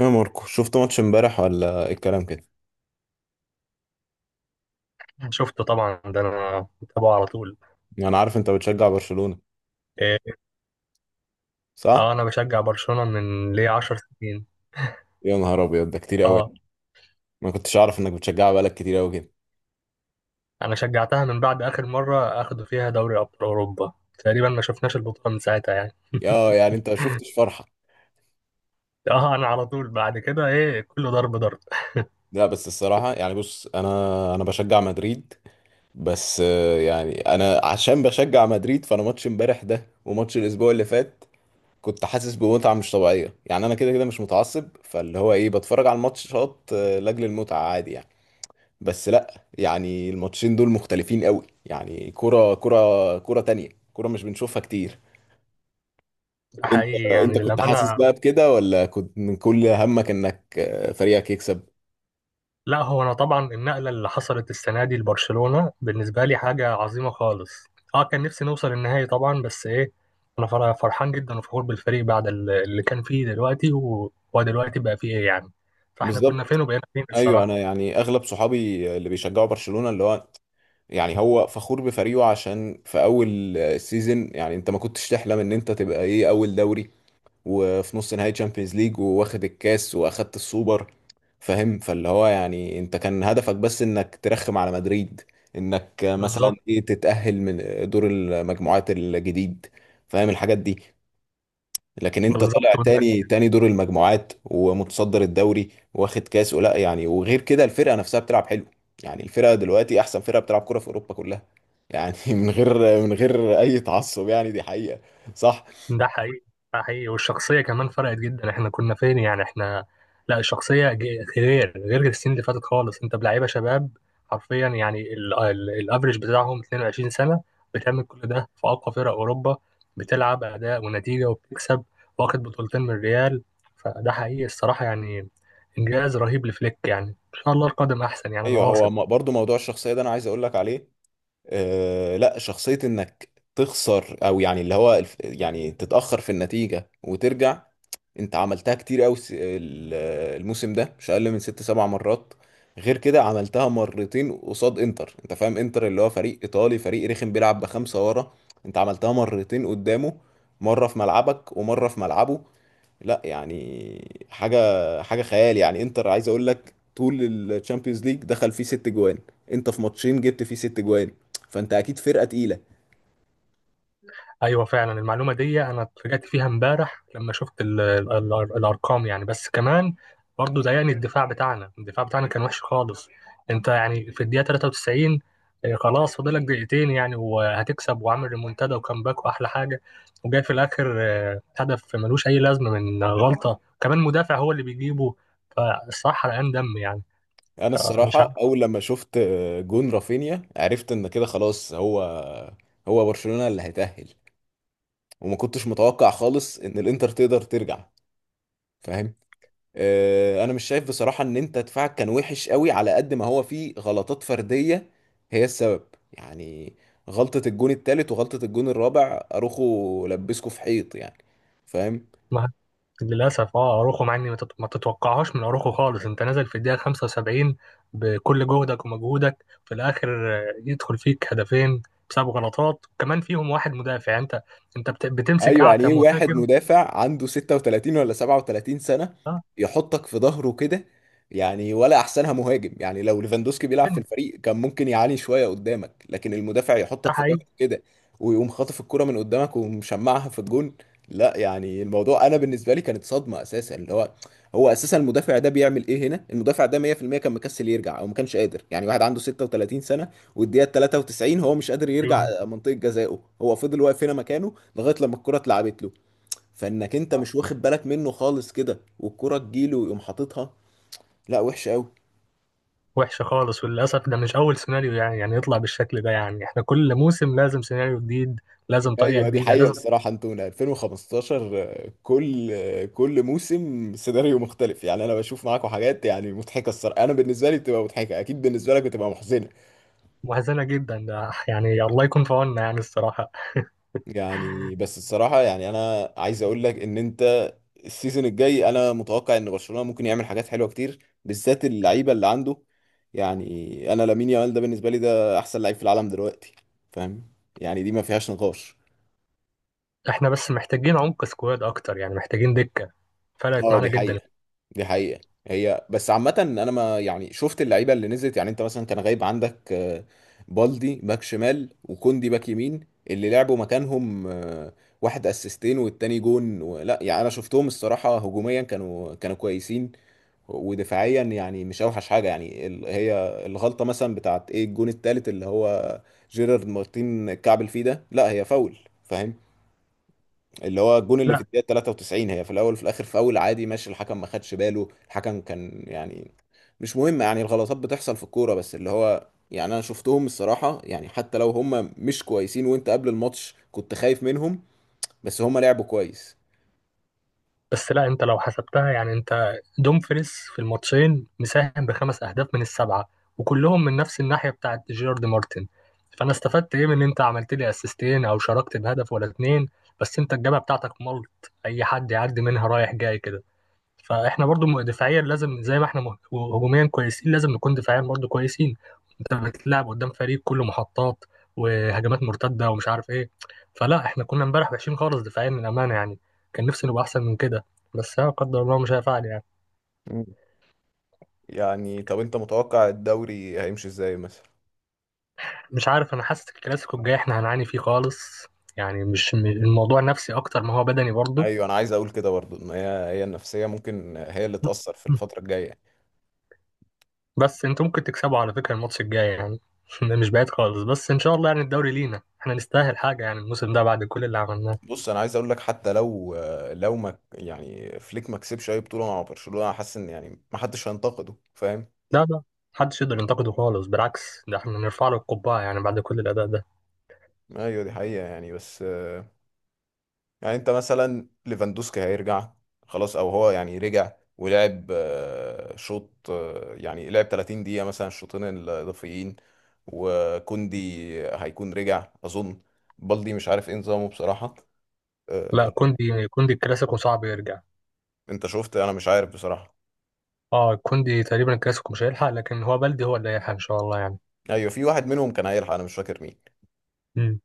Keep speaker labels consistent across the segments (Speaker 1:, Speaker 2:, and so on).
Speaker 1: يا ماركو، شفت ماتش امبارح ولا إيه الكلام كده؟
Speaker 2: شفته طبعا، ده انا متابعه على طول.
Speaker 1: انا عارف انت بتشجع برشلونة،
Speaker 2: إيه،
Speaker 1: صح؟
Speaker 2: اه انا بشجع برشلونة من ليه 10 سنين.
Speaker 1: يا نهار ابيض، ده كتير قوي.
Speaker 2: اه
Speaker 1: ما كنتش اعرف انك بتشجعها بقالك كتير قوي كده.
Speaker 2: انا شجعتها من بعد اخر مرة اخدوا فيها دوري ابطال اوروبا. تقريبا ما شفناش البطولة من ساعتها يعني.
Speaker 1: يا يعني انت ما شفتش فرحة؟
Speaker 2: اه انا على طول بعد كده ايه كله ضرب ضرب ده.
Speaker 1: لا بس الصراحة، يعني بص، انا بشجع مدريد. بس يعني انا عشان بشجع مدريد، فانا ماتش امبارح ده وماتش الاسبوع اللي فات كنت حاسس بمتعة مش طبيعية. يعني انا كده كده مش متعصب، فاللي هو ايه، بتفرج على الماتشات لاجل المتعة، عادي يعني. بس لا، يعني الماتشين دول مختلفين قوي. يعني كرة تانية، كرة مش بنشوفها كتير. انت
Speaker 2: حقيقي يعني
Speaker 1: انت كنت حاسس
Speaker 2: للأمانة.
Speaker 1: بقى بكده، ولا كنت من كل همك انك فريقك يكسب؟
Speaker 2: لا هو انا طبعا النقله اللي حصلت السنه دي لبرشلونه بالنسبه لي حاجه عظيمه خالص. اه كان نفسي نوصل النهائي طبعا، بس ايه، انا فرحان جدا وفخور بالفريق بعد اللي كان فيه دلوقتي وهو دلوقتي بقى فيه ايه يعني. فاحنا كنا
Speaker 1: بالظبط.
Speaker 2: فين وبقينا فين
Speaker 1: ايوه،
Speaker 2: الصراحه.
Speaker 1: انا يعني اغلب صحابي اللي بيشجعوا برشلونة اللي هو، يعني هو فخور بفريقه عشان في اول السيزون يعني انت ما كنتش تحلم ان انت تبقى ايه اول دوري، وفي نص نهائي تشامبيونز ليج، واخد الكاس واخدت السوبر. فاهم؟ فاللي هو يعني انت كان هدفك بس انك ترخم على مدريد، انك مثلا
Speaker 2: بالظبط.
Speaker 1: ايه تتأهل من دور المجموعات الجديد. فاهم الحاجات دي؟ لكن انت
Speaker 2: بالظبط.
Speaker 1: طالع تاني دور المجموعات ومتصدر الدوري، واخد كاس ولا يعني. وغير كده الفرقة نفسها بتلعب حلو، يعني الفرقة دلوقتي احسن فرقة بتلعب كرة في اوروبا كلها. يعني من غير اي تعصب، يعني دي حقيقة، صح؟
Speaker 2: ده حقيقي. ده حقيقي، والشخصية كمان فرقت جدا. احنا كنا فين يعني احنا. لا الشخصية غير السنين اللي فاتت خالص. انت بلعيبة شباب حرفيا يعني، الافريج بتاعهم 22 سنة، بتعمل كل ده في أقوى فرق أوروبا. بتلعب أداء ونتيجة وبتكسب. واخد بطولتين من الريال. فده حقيقي الصراحة يعني. إنجاز رهيب لفليك يعني، إن شاء الله القادم أحسن يعني، أنا
Speaker 1: ايوه. هو
Speaker 2: واثق.
Speaker 1: برضو موضوع الشخصيه ده انا عايز اقول لك عليه. لا، شخصيه انك تخسر او يعني اللي هو يعني تتاخر في النتيجه وترجع. انت عملتها كتير قوي الموسم ده، مش اقل من ست سبع مرات. غير كده عملتها مرتين قصاد انتر، انت فاهم انتر اللي هو فريق ايطالي، فريق رخم بيلعب بخمسه ورا. انت عملتها مرتين قدامه، مره في ملعبك ومره في ملعبه. لا يعني حاجه خيال. يعني انتر، عايز اقول لك طول الشامبيونز ليج دخل فيه ست جوان. انت في ماتشين جبت فيه ست جوان، فانت اكيد فرقه تقيله.
Speaker 2: ايوه فعلا المعلومه دي انا اتفاجأت فيها امبارح لما شفت ال ال ال الارقام يعني، بس كمان برضه ضايقني الدفاع بتاعنا. الدفاع بتاعنا كان وحش خالص. انت يعني في الدقيقه 93، آه، خلاص فاضلك دقيقتين يعني وهتكسب وعامل ريمونتادا وكامباك واحلى حاجه، وجاي في الاخر آه، هدف ملوش اي لازمه من غلطه كمان مدافع هو اللي بيجيبه. فالصراحه حرقان دم يعني.
Speaker 1: انا
Speaker 2: مش
Speaker 1: الصراحه اول لما شفت جون رافينيا، عرفت ان كده خلاص، هو برشلونه اللي هيتأهل. وما كنتش متوقع خالص ان الانتر تقدر ترجع. فاهم؟ انا مش شايف بصراحة ان انت دفاعك كان وحش قوي، على قد ما هو فيه غلطات فردية هي السبب. يعني غلطة الجون التالت وغلطة الجون الرابع، اروخو لبسكوا في حيط يعني. فاهم؟
Speaker 2: مع- للأسف اه أروخو، مع إني ما تتوقعهاش من أروخو خالص. أنت نازل في الدقيقة 75 بكل جهدك ومجهودك، في الآخر آه، يدخل فيك هدفين بسبب غلطات وكمان فيهم واحد مدافع. أنت بتمسك
Speaker 1: ايوه، يعني
Speaker 2: أعتى
Speaker 1: ايه، واحد
Speaker 2: مهاجم.
Speaker 1: مدافع عنده 36 ولا 37 سنة
Speaker 2: اه.
Speaker 1: يحطك في ظهره كده. يعني ولا احسنها مهاجم، يعني لو ليفاندوسكي بيلعب في الفريق كان ممكن يعاني شوية قدامك. لكن المدافع
Speaker 2: ده
Speaker 1: يحطك في
Speaker 2: حقيقي.
Speaker 1: ظهره كده، ويقوم خاطف الكرة من قدامك ومشمعها في الجون. لا، يعني الموضوع انا بالنسبة لي كانت صدمة اساسا، اللي هو هو اساسا المدافع ده بيعمل ايه هنا؟ المدافع ده 100% كان مكسل يرجع او ما كانش قادر، يعني واحد عنده 36 سنة والدقيقة 93 هو مش قادر يرجع منطقة جزائه، هو فضل واقف هنا مكانه لغايه لما الكره اتلعبت له، فانك انت مش واخد بالك منه خالص كده والكره تجيله ويقوم حاططها. لا، وحش قوي.
Speaker 2: وحشة خالص، وللأسف ده مش أول سيناريو يعني، يعني يطلع بالشكل ده. يعني إحنا كل موسم لازم سيناريو جديد، لازم طريقة
Speaker 1: ايوه، دي
Speaker 2: جديده
Speaker 1: حقيقة
Speaker 2: لازم.
Speaker 1: الصراحة. انتونا 2015، كل موسم سيناريو مختلف يعني. انا بشوف معاكم حاجات يعني مضحكة الصراحة. انا بالنسبة لي بتبقى مضحكة، اكيد بالنسبة لك بتبقى محزنة.
Speaker 2: محزنة جدا، ده يعني الله يكون في عوننا يعني الصراحة.
Speaker 1: يعني بس الصراحة، يعني أنا عايز أقول لك إن أنت السيزون الجاي أنا متوقع إن برشلونة ممكن يعمل حاجات حلوة كتير، بالذات اللعيبة اللي عنده. يعني أنا لامين يامال ده بالنسبة لي ده أحسن لعيب في العالم دلوقتي. فاهم؟ يعني دي ما فيهاش نقاش.
Speaker 2: احنا بس محتاجين عمق سكواد اكتر، يعني محتاجين دكة. فرقت
Speaker 1: أه،
Speaker 2: معانا
Speaker 1: دي
Speaker 2: جدا.
Speaker 1: حقيقة، دي حقيقة. هي بس عامة انا ما يعني شفت اللعيبة اللي نزلت. يعني انت مثلا كان غايب عندك بالدي باك شمال وكوندي باك يمين. اللي لعبوا مكانهم، واحد اسيستين والتاني جون لا يعني انا شفتهم الصراحة، هجوميا كانوا كويسين. ودفاعيا يعني مش اوحش حاجة. يعني هي الغلطة مثلا بتاعت ايه الجون التالت، اللي هو جيرارد مارتين كعبل فيه ده، لا هي فاول. فاهم؟ اللي هو الجون اللي في
Speaker 2: لا.
Speaker 1: الدقيقة 93، هي في الأول وفي الآخر فاول عادي ماشي. الحكم ما خدش باله، الحكم كان يعني مش مهم. يعني الغلطات بتحصل في الكورة، بس اللي هو يعني أنا شفتهم الصراحة، يعني حتى لو هم مش كويسين وأنت قبل الماتش كنت خايف منهم، بس هم لعبوا كويس.
Speaker 2: بس لا انت لو حسبتها يعني، انت دومفريس في الماتشين مساهم بخمس اهداف من السبعه، وكلهم من نفس الناحيه بتاعت جيرارد مارتن. فانا استفدت ايه من ان انت عملت لي اسيستين او شاركت بهدف ولا اتنين، بس انت الجبهه بتاعتك ملط اي حد يعدي منها رايح جاي كده. فاحنا برضو دفاعيا لازم، زي ما احنا هجوميا كويسين لازم نكون دفاعيا برضو كويسين. انت بتلعب قدام فريق كله محطات وهجمات مرتده ومش عارف ايه. فلا احنا كنا امبارح وحشين خالص دفاعيا من امانه يعني. كان نفسي نبقى احسن من كده، بس لا قدر الله مش هيفعل يعني.
Speaker 1: مم. يعني طب انت متوقع الدوري هيمشي ازاي مثلا؟
Speaker 2: مش عارف، انا حاسس الكلاسيكو الجاي احنا هنعاني فيه خالص. يعني مش م- الموضوع نفسي اكتر ما هو بدني برضو.
Speaker 1: ايوه، انا عايز اقول كده برضو ان هي النفسيه ممكن هي اللي تاثر في الفتره الجايه.
Speaker 2: بس انتوا ممكن تكسبوا على فكره الماتش الجاي يعني. مش بعيد خالص، بس ان شاء الله يعني الدوري لينا، احنا نستاهل حاجه يعني الموسم ده بعد كل اللي عملناه.
Speaker 1: بص، انا عايز اقول لك حتى لو ما يعني فليك ما كسبش اي بطوله مع برشلونه، انا حاسس ان يعني ما حدش هينتقده. فاهم؟
Speaker 2: لا. لا محدش يقدر ينتقده خالص، بالعكس ده احنا نرفع له القبعة يعني بعد كل الأداء ده.
Speaker 1: ايوه دي حقيقه يعني بس. يعني انت مثلا ليفاندوسكي هيرجع خلاص، او هو يعني رجع ولعب شوط، يعني لعب 30 دقيقه مثلا الشوطين الاضافيين. وكوندي هيكون رجع اظن. بالدي مش عارف ايه نظامه بصراحه.
Speaker 2: لا
Speaker 1: آه،
Speaker 2: كوندي الكلاسيكو صعب يرجع.
Speaker 1: انت شفت؟ انا مش عارف بصراحه.
Speaker 2: اه كوندي تقريبا الكلاسيكو مش هيلحق، لكن هو بلدي هو اللي هيلحق إن شاء الله يعني.
Speaker 1: ايوه، في واحد منهم كان هيلحق، انا مش فاكر مين.
Speaker 2: مم.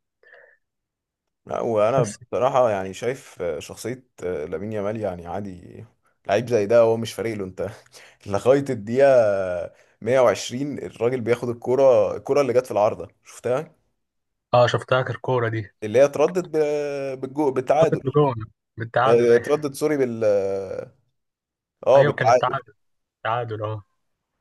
Speaker 1: لا، وانا
Speaker 2: بس
Speaker 1: بصراحه يعني شايف شخصيه لامين يامال يعني عادي، لعيب زي ده هو مش فارق له. انت لغايه الدقيقه 120 الراجل بياخد الكوره اللي جت في العارضه شفتها؟
Speaker 2: اه شفتها آخر كورة دي.
Speaker 1: اللي هي اتردت بالجو
Speaker 2: حطت
Speaker 1: بالتعادل.
Speaker 2: بجون. بالتعادل. أيوة.
Speaker 1: اتردت سوري
Speaker 2: أيوة كان
Speaker 1: بالتعادل.
Speaker 2: التعادل. التعادل اه.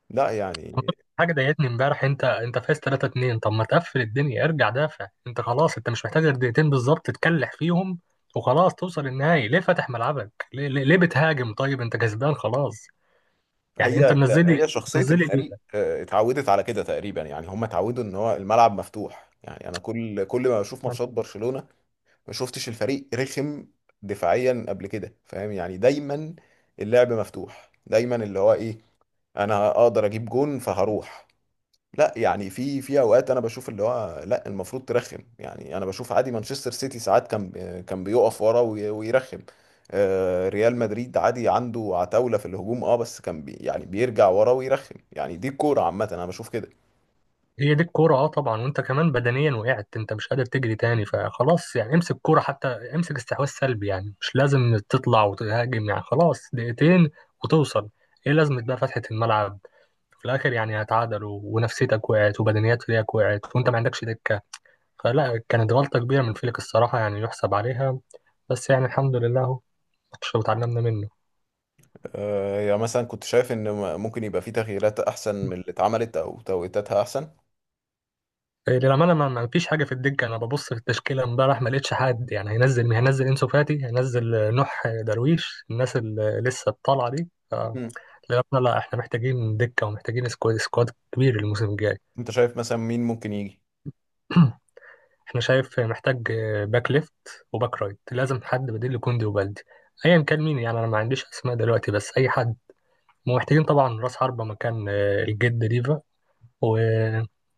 Speaker 1: لا يعني
Speaker 2: حاجة ضايقتني امبارح، انت فايز 3-2. طب ما تقفل الدنيا، ارجع دافع، انت خلاص انت مش محتاج غير دقيقتين بالظبط تكلح فيهم وخلاص توصل النهائي. ليه فاتح ملعبك؟ ليه، ليه، ليه بتهاجم؟ طيب انت كسبان خلاص يعني. انت
Speaker 1: هي
Speaker 2: منزلي.
Speaker 1: هي شخصيه
Speaker 2: منزلي ليه
Speaker 1: الفريق
Speaker 2: ده؟
Speaker 1: اتعودت على كده تقريبا. يعني هم اتعودوا ان هو الملعب مفتوح. يعني انا كل ما بشوف ماتشات برشلونه، ما شفتش الفريق رخم دفاعيا قبل كده. فاهم؟ يعني دايما اللعب مفتوح، دايما اللي هو ايه انا اقدر اجيب جون فهروح. لا يعني في اوقات انا بشوف اللي هو لا المفروض ترخم. يعني انا بشوف عادي مانشستر سيتي، ساعات كان بيقف ورا ويرخم. ريال مدريد عادي عنده عتاولة في الهجوم، بس كان يعني بيرجع ورا ويرخم. يعني دي الكورة عامة انا بشوف كده.
Speaker 2: هي دي الكوره. اه طبعا، وانت كمان بدنيا وقعت انت مش قادر تجري تاني، فخلاص يعني امسك كوره حتى، امسك استحواذ سلبي يعني، مش لازم تطلع وتهاجم يعني خلاص دقيقتين وتوصل. ايه لازمة بقى فتحة الملعب؟ في الاخر يعني هتعادلوا، ونفسيتك وقعت، وبدنيات فريقك وقعت، وانت ما عندكش دكة. فلا كانت غلطة كبيرة من فليك الصراحة يعني، يحسب عليها. بس يعني الحمد لله اهو، ماتش وتعلمنا منه.
Speaker 1: يعني مثلا كنت شايف ان ممكن يبقى في تغييرات احسن من اللي اتعملت او توقيتاتها احسن.
Speaker 2: إيه، للأمانة ما فيش حاجة في الدكة. أنا ببص في التشكيلة امبارح ما لقيتش حد يعني هينزل. مين هينزل؟ إنسو فاتي هينزل، آه، نوح درويش، الناس اللي لسه الطالعة دي، للأمانة لا، إحنا محتاجين دكة ومحتاجين سكواد، سكواد كبير الموسم الجاي.
Speaker 1: انت شايف مثلا مين ممكن يجي؟
Speaker 2: إحنا شايف محتاج آه، باك ليفت وباك رايت، لازم حد بديل لكوندي وبالدي. أيا كان مين يعني، أنا ما عنديش أسماء دلوقتي بس أي حد. ومحتاجين طبعا رأس حربة مكان آه، الجد ديفا، وجناح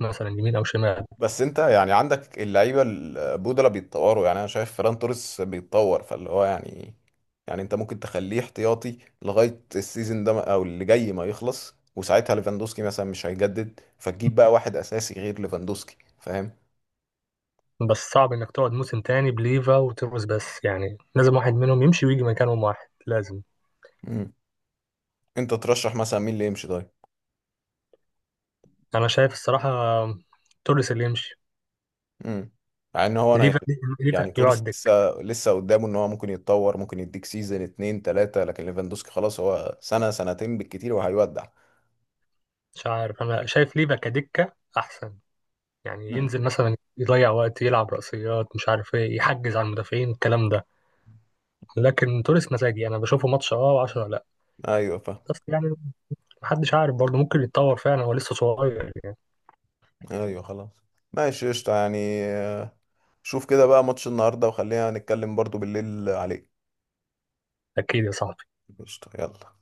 Speaker 2: مثلا يمين أو شمال.
Speaker 1: بس انت يعني عندك اللعيبه البودلة بيتطوروا. يعني انا شايف فران توريس بيتطور، فاللي هو يعني، يعني انت ممكن تخليه احتياطي لغايه السيزون ده او اللي جاي ما يخلص، وساعتها ليفاندوسكي مثلا مش هيجدد، فتجيب بقى واحد اساسي غير ليفاندوسكي. فاهم؟
Speaker 2: بس صعب انك تقعد موسم تاني بليفا وتروس، بس يعني لازم واحد منهم يمشي ويجي مكانهم واحد لازم.
Speaker 1: امم. انت ترشح مثلا مين اللي يمشي طيب؟
Speaker 2: انا شايف الصراحة توريس اللي يمشي.
Speaker 1: امم. مع ان هو انا
Speaker 2: ليفا،
Speaker 1: يعني،
Speaker 2: ليفا
Speaker 1: يعني توريس
Speaker 2: يقعد دكة.
Speaker 1: لسه قدامه ان هو ممكن يتطور، ممكن يديك سيزون اتنين تلاته. لكن ليفاندوسكي خلاص، هو سنه سنتين بالكتير وهيودع.
Speaker 2: مش عارف، انا شايف ليفا كدكة احسن. يعني ينزل مثلا يضيع وقت، يلعب رأسيات، مش عارف ايه، يحجز على المدافعين الكلام ده. لكن توريس مزاجي، انا بشوفه ماتش اه وعشرة لا.
Speaker 1: ايوه فاهم.
Speaker 2: بس يعني محدش عارف برضه، ممكن يتطور فعلا، هو لسه صغير يعني.
Speaker 1: ايوه خلاص، ماشي، قشطة يعني. شوف كده بقى ماتش النهارده وخلينا نتكلم برضو بالليل عليه.
Speaker 2: اكيد يا صاحبي.
Speaker 1: قشطة، يلا.